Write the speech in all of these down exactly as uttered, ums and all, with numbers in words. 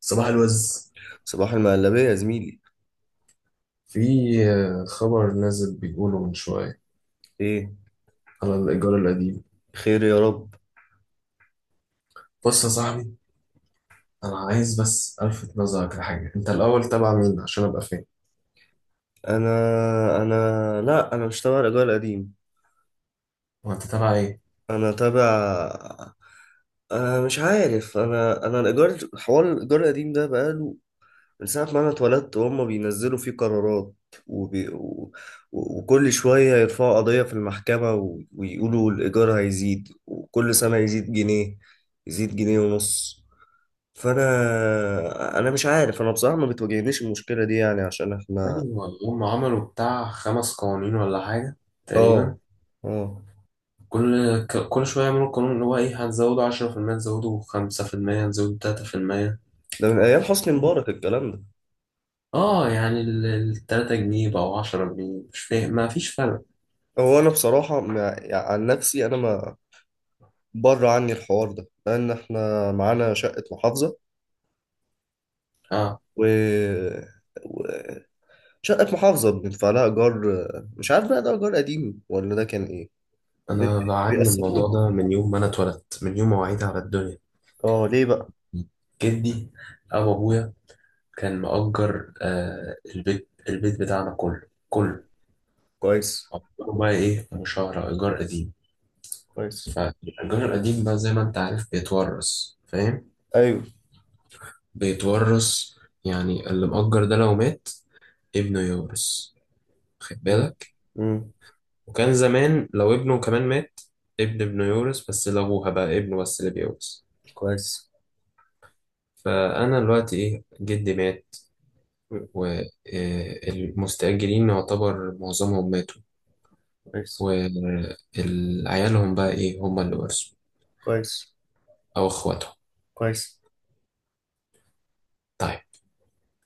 صباح الوز. صباح المقلبية يا زميلي. في آه، خبر نازل بيقوله من شوية ايه. على الإيجار القديم. خير يا رب. بص يا صاحبي، أنا عايز بس ألفت نظرك لحاجة. أنت الأول تبع مين عشان أبقى فاهم؟ انا انا لا، انا مش تبع الايجار القديم. هو أنت تبع إيه؟ انا تبع انا مش عارف. انا انا الايجار حوار الايجار القديم ده بقاله من ساعة ما انا اتولدت وهم بينزلوا فيه قرارات، وبي... و... و- وكل شوية يرفعوا قضية في المحكمة، و... ويقولوا الإيجار هيزيد، وكل سنة يزيد جنيه، يزيد جنيه ونص. فأنا أنا مش عارف، أنا بصراحة ما بتواجهنيش المشكلة دي، يعني عشان إحنا. أيوة، هم عملوا بتاع خمس قوانين ولا حاجة تقريبا. اه، اه. كل ك- كل شوية يعملوا قانون اللي هو إيه، هتزودوا عشرة في المية، هتزودوا خمسة في المية، هتزودوا تلاتة في المية. ده من ايام حسني مبارك الكلام ده. آه، يعني التلاتة جنيه بقوا عشرة جنيه، مش فاهم، ما فيش فرق. هو انا بصراحه، مع... يعني عن نفسي، انا ما بره عني الحوار ده لان احنا معانا شقه محافظه. آه، و... و... شقه محافظه بندفع لها ايجار، مش عارف بقى ده ايجار قديم ولا ده كان ايه. ب... أنا بعاني من الموضوع بيقسطوها. ده من يوم ما أنا اتولدت، من يوم ما وعيت على الدنيا. اه، ليه بقى؟ جدي أو أبويا كان مأجر آه البيت البيت بتاعنا كله، كله كويس. مأجره بقى إيه، مشاهرة، إيجار قديم. كويس. فالإيجار القديم بقى زي ما أنت عارف بيتورث، فاهم. ايوه. بيتورث. يعني اللي مأجر ده لو مات، ابنه يورث، خد بالك. امم وكان زمان لو ابنه كمان مات، ابن ابنه يورث، بس لأبوها بقى ابنه بس اللي بيورث. كويس. فأنا دلوقتي إيه، جدي مات، مم. والمستأجرين يعتبر معظمهم ماتوا، كويس. وعيالهم بقى إيه، هم اللي ورثوا كويس. أو إخواتهم. كويس. طيب،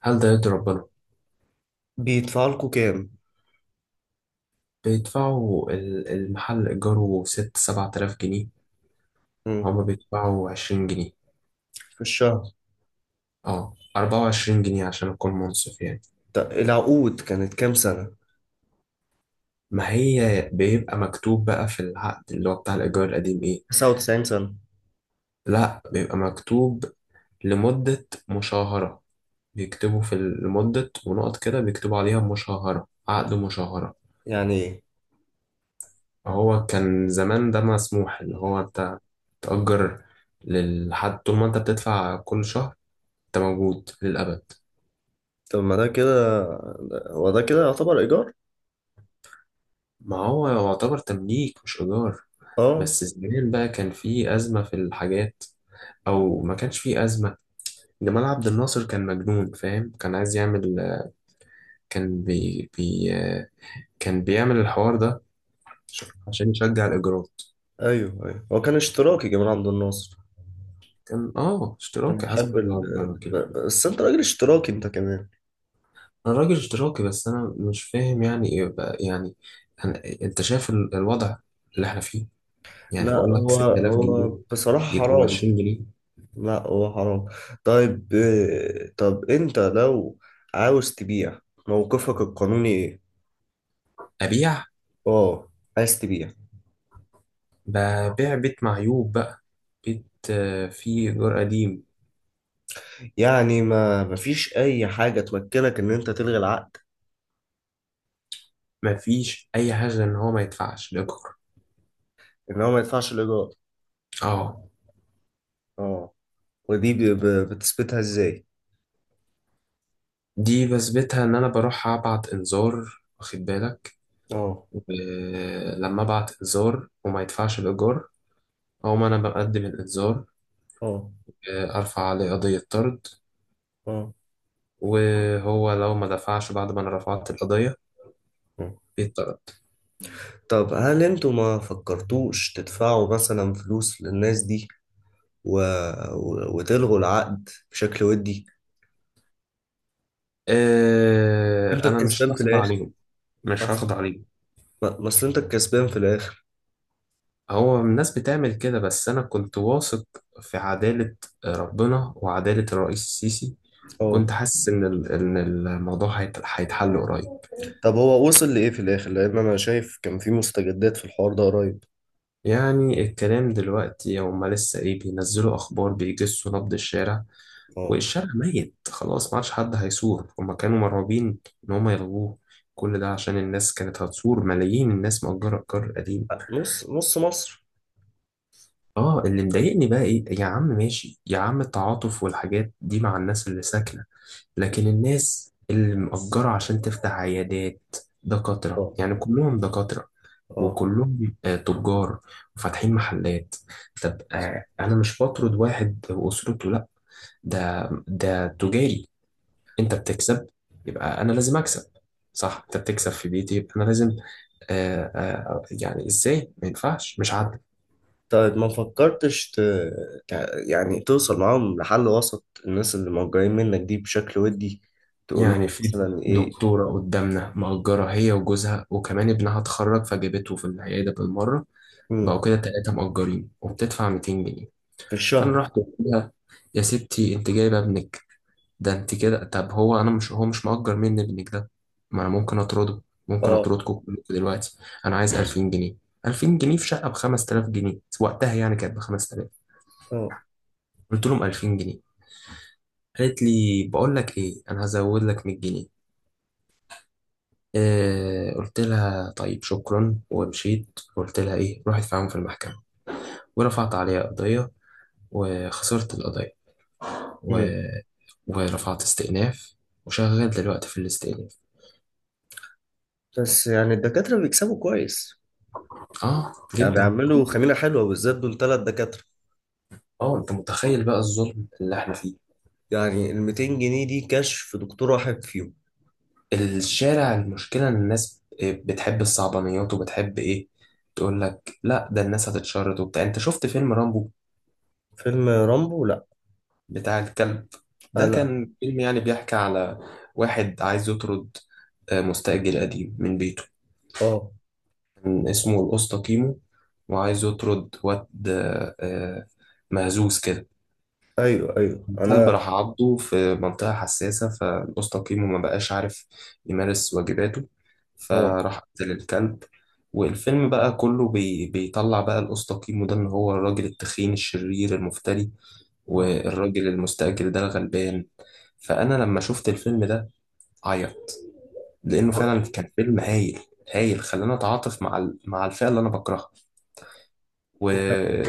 هل ده يرضي ربنا؟ بيدفع لكم كام؟ بيدفعوا ال- المحل إيجاره ست سبعة آلاف جنيه. مم. هما بيدفعوا عشرين جنيه، في الشهر. اه أربعة وعشرين جنيه عشان أكون منصف يعني. ط- العقود كانت كام سنة؟ ما هي بيبقى مكتوب بقى في العقد اللي هو بتاع الإيجار القديم إيه؟ تسعة وتسعين سنة. لا، بيبقى مكتوب لمدة مشاهرة. بيكتبوا في لمدة ونقط كده، بيكتبوا عليها مشاهرة، عقد مشاهرة. يعني ايه؟ هو كان زمان ده مسموح اللي هو انت تأجر لحد طول ما انت بتدفع كل شهر، انت موجود للأبد. طب ما ده كده، هو ده كده يعتبر إيجار؟ ما هو يعتبر تمليك مش إيجار. اه. بس زمان بقى كان في أزمة في الحاجات، أو ما كانش في أزمة. جمال عبد الناصر كان مجنون، فاهم، كان عايز يعمل، كان بي, بي كان بيعمل الحوار ده شوف. عشان يشجع الإيجارات. ايوه، ايوه، هو كان اشتراكي جمال عبد الناصر. كان آه كان اشتراكي، حسب بيحب ال... الله ونعم الوكيل فيه. ب- بس انت راجل اشتراكي انت كمان. أنا راجل اشتراكي بس أنا مش فاهم يعني إيه بقى يعني. أنا أنت شايف ال- الوضع اللي إحنا فيه. يعني لا، بقول لك هو 6000 هو جنيه بصراحة يبقوا ب حرام. عشرين جنيه. لا، هو حرام. طيب. آه، طب انت لو عاوز تبيع، موقفك القانوني ايه؟ ابيع؟ اه، عايز تبيع. ببيع بيت معيوب بقى، بيت آه، فيه ايجار قديم. يعني ما مفيش اي حاجة تمكنك ان انت تلغي العقد؟ مفيش اي حاجه ان هو ما يدفعش الايجار، ان هو ما يدفعش الايجار. اه. اه، ودي ب- ب- بتثبتها ازاي؟ دي بثبتها ان انا بروح ابعت انذار، واخد بالك. اه. آه، لما ابعت انذار وما يدفعش الايجار، هو ما انا بقدم الانذار. اه. آه، ارفع عليه قضيه طرد. اه. وهو لو ما دفعش بعد ما انا رفعت القضيه اه. بيتطرد. طب هل انتوا ما فكرتوش تدفعوا مثلا فلوس للناس دي، و... و... وتلغوا العقد بشكل ودي؟ انت آه، انا مش الكسبان في هخضع الاخر. عليهم. مش اصل، هخضع عليهم. ما ما اصل انت الكسبان في الاخر. هو الناس بتعمل كده، بس أنا كنت واثق في عدالة ربنا وعدالة الرئيس السيسي. كنت اه. حاسس إن ال- إن الموضوع هيت- هيتحل قريب. طب هو وصل لإيه في الآخر؟ لأن أنا شايف كان في مستجدات في الحوار ده قريب. يعني الكلام دلوقتي، هما لسه إيه، بينزلوا أخبار بيجسوا نبض الشارع. اه. والشارع ميت خلاص، ما عادش حد هيصور. هما كانوا مرعوبين إن هما يلغوه. كل ده عشان الناس كانت هتصور، ملايين الناس مأجرة القرار قديم. نص نص مصر. اه، اللي مضايقني بقى ايه، يا عم ماشي، يا عم التعاطف والحاجات دي مع الناس اللي ساكنة، لكن الناس اللي مأجرة عشان تفتح عيادات، دكاترة اه، يعني كلهم دكاترة، اه. وكلهم آه، تجار وفاتحين محلات. طب آه، أنا مش بطرد واحد وأسرته، لأ. ده ده تجاري. أنت بتكسب يبقى أنا لازم أكسب. صح؟ أنت بتكسب في بيتي يبقى أنا لازم آه، آه، يعني إزاي؟ ما ينفعش، مش عادل. طيب، ما فكرتش ت... تع- يعني توصل معاهم لحل وسط الناس اللي موجودين منك دي بشكل ودي، تقول لهم يعني في مثلا ايه؟ دكتورة قدامنا مأجرة هي وجوزها، وكمان ابنها اتخرج فجابته في العيادة بالمرة. بقوا مم. كده تلاتة مأجرين وبتدفع مئتين جنيه. في فأنا الشهر. رحت قلت لها: يا ستي أنت جايبة ابنك ده، أنت كده. طب هو أنا مش، هو مش مأجر مني ابنك ده، ما أنا ممكن أطرده. ممكن اه، أطردكم كلكم دلوقتي. أنا عايز ألفين جنيه. ألفين جنيه في شقة ب خمس آلاف جنيه وقتها، يعني كانت ب خمس آلاف. اه. قلت لهم ألفين جنيه. قالت لي: بقول لك إيه، أنا هزود لك مية جنيه. آه، قلت لها طيب شكرا ومشيت. قلت لها إيه، روحي ادفعهم في المحكمة. ورفعت عليها قضية وخسرت القضية. و... مم. ورفعت استئناف وشغال دلوقتي في الاستئناف. بس يعني الدكاترة بيكسبوا كويس. اه، يعني جدا. بيعملوا خميرة حلوة، بالذات دول تلات دكاترة. اه، انت متخيل بقى الظلم اللي احنا فيه. يعني ال ميتين جنيه دي كشف في دكتور واحد فيهم. الشارع المشكلة ان الناس بتحب الصعبانيات وبتحب ايه، تقول لك لا ده الناس هتتشرد وبتاع. انت شفت فيلم رامبو فيلم رامبو؟ لا. بتاع الكلب؟ آه، ده لا. كان فيلم يعني بيحكي على واحد عايز يطرد آه، مستأجر قديم من بيته. اه. كان اسمه الأسطى كيمو، وعايز يطرد واد آه، آه، مهزوز كده. ايوه، ايوه، كلب انا. راح عضه في منطقة حساسة فالقوس تقييمه ما بقاش عارف يمارس واجباته، اه. فراح قتل الكلب. والفيلم بقى كله بي بيطلع بقى القوس تقييمه ده إن هو الراجل التخين الشرير المفتري، آه. والراجل المستأجر ده الغلبان. فأنا لما شفت الفيلم ده عيط، لأنه آه. فعلا كان فيلم هايل. هايل، خلاني أتعاطف مع ال- مع الفئة اللي أنا بكرهها.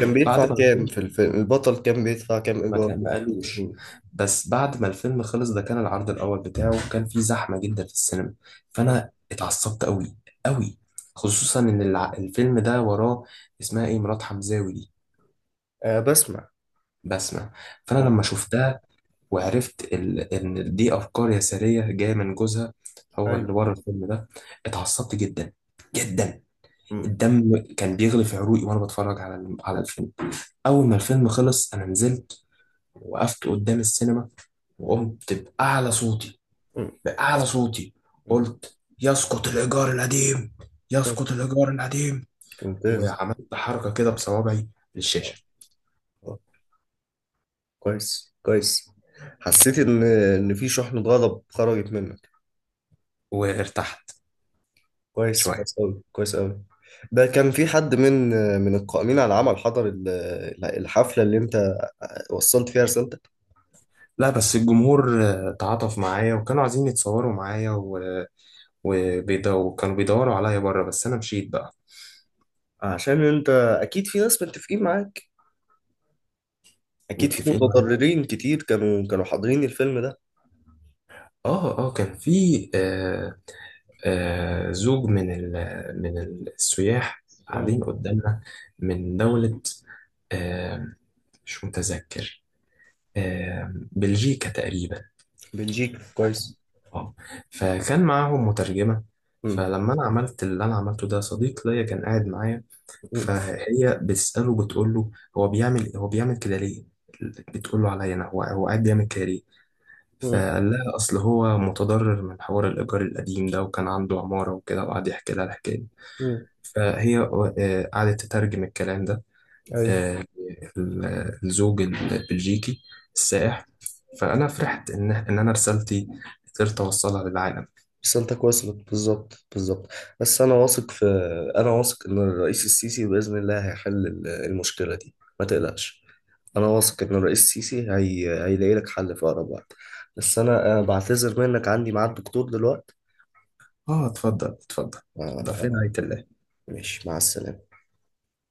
كان بيدفع ما كام الفيلم، في الفيلم؟ البطل كان بيدفع كام ما ايجار؟ كان ما في قالوش. التكييف؟ بس بعد ما الفيلم خلص، ده كان العرض الاول بتاعه، كان فيه زحمه جدا في السينما. فانا اتعصبت قوي قوي، خصوصا ان الع- الفيلم ده وراه اسمها ايه مرات حمزاوي دي، آه، بسمع. بسمة. فانا أه. لما شفتها وعرفت ال- ان دي افكار يساريه جايه من جوزها، هو أيوه. اللي ورا الفيلم ده، اتعصبت جدا جدا. مم. الدم كان بيغلي في عروقي وانا بتفرج على على الفيلم. اول ما الفيلم خلص، انا نزلت وقفت قدام السينما وقمت بأعلى صوتي، مم. بأعلى صوتي مم. قلت: يسقط الإيجار القديم، مم. يسقط الإيجار القديم. ممتاز. وعملت حركة كده بصوابعي آه، للشاشة. آه، كويس، كويس. حسيت إن، إن في شحنة غضب خرجت منك. وارتحت كويس، شوية. كويس أوي، كويس أوي. ده كان في حد من من القائمين على العمل حضر ال- الحفلة اللي أنت وصلت فيها رسالتك؟ لا، بس الجمهور آه، تعاطف معايا وكانوا عايزين يتصوروا معايا و... وبيدو... وكانوا بيدوروا عليا بره، بس أنا مشيت بقى. عشان أنت أكيد في ناس متفقين معاك، أكيد في متفقين معايا، متضررين كتير كانوا كانوا حاضرين الفيلم ده. اه اه. كان في آه آه، زوج من ال- من السياح مم. قاعدين قدامنا، من دولة آه، مش متذكر، آه، بلجيكا تقريبا. بلجيكا، كويس. اه. فكان معاهم مترجمة. مم. فلما انا عملت اللي انا عملته ده، صديق ليا كان قاعد معايا. مم. فهي بتسأله، بتقول له: هو بيعمل هو بيعمل كده ليه. بتقول له عليا انا، هو، هو قاعد بيعمل كده ليه. مم. فقال لها: اصل هو متضرر من حوار الايجار القديم ده، وكان عنده عمارة وكده، وقعد يحكي لها الحكاية. مم. فهي آه، قعدت تترجم الكلام ده، أيوه. آه، ال- الزوج البلجيكي السائح. فأنا فرحت إن إن أنا رسالتي قدرت أوصلها للعالم. رسالتك وصلت بالظبط، بالظبط. بس انا واثق في، انا واثق ان الرئيس السيسي باذن الله هيحل ال- المشكله دي، ما تقلقش. انا واثق ان الرئيس السيسي هي... هيلاقي لك حل في اقرب وقت. بس انا أنا بعتذر منك، عندي ميعاد دكتور دلوقتي. آه، اتفضل اتفضل. ف... اتفضل ف... فين عيلة. ماشي، مع السلامه.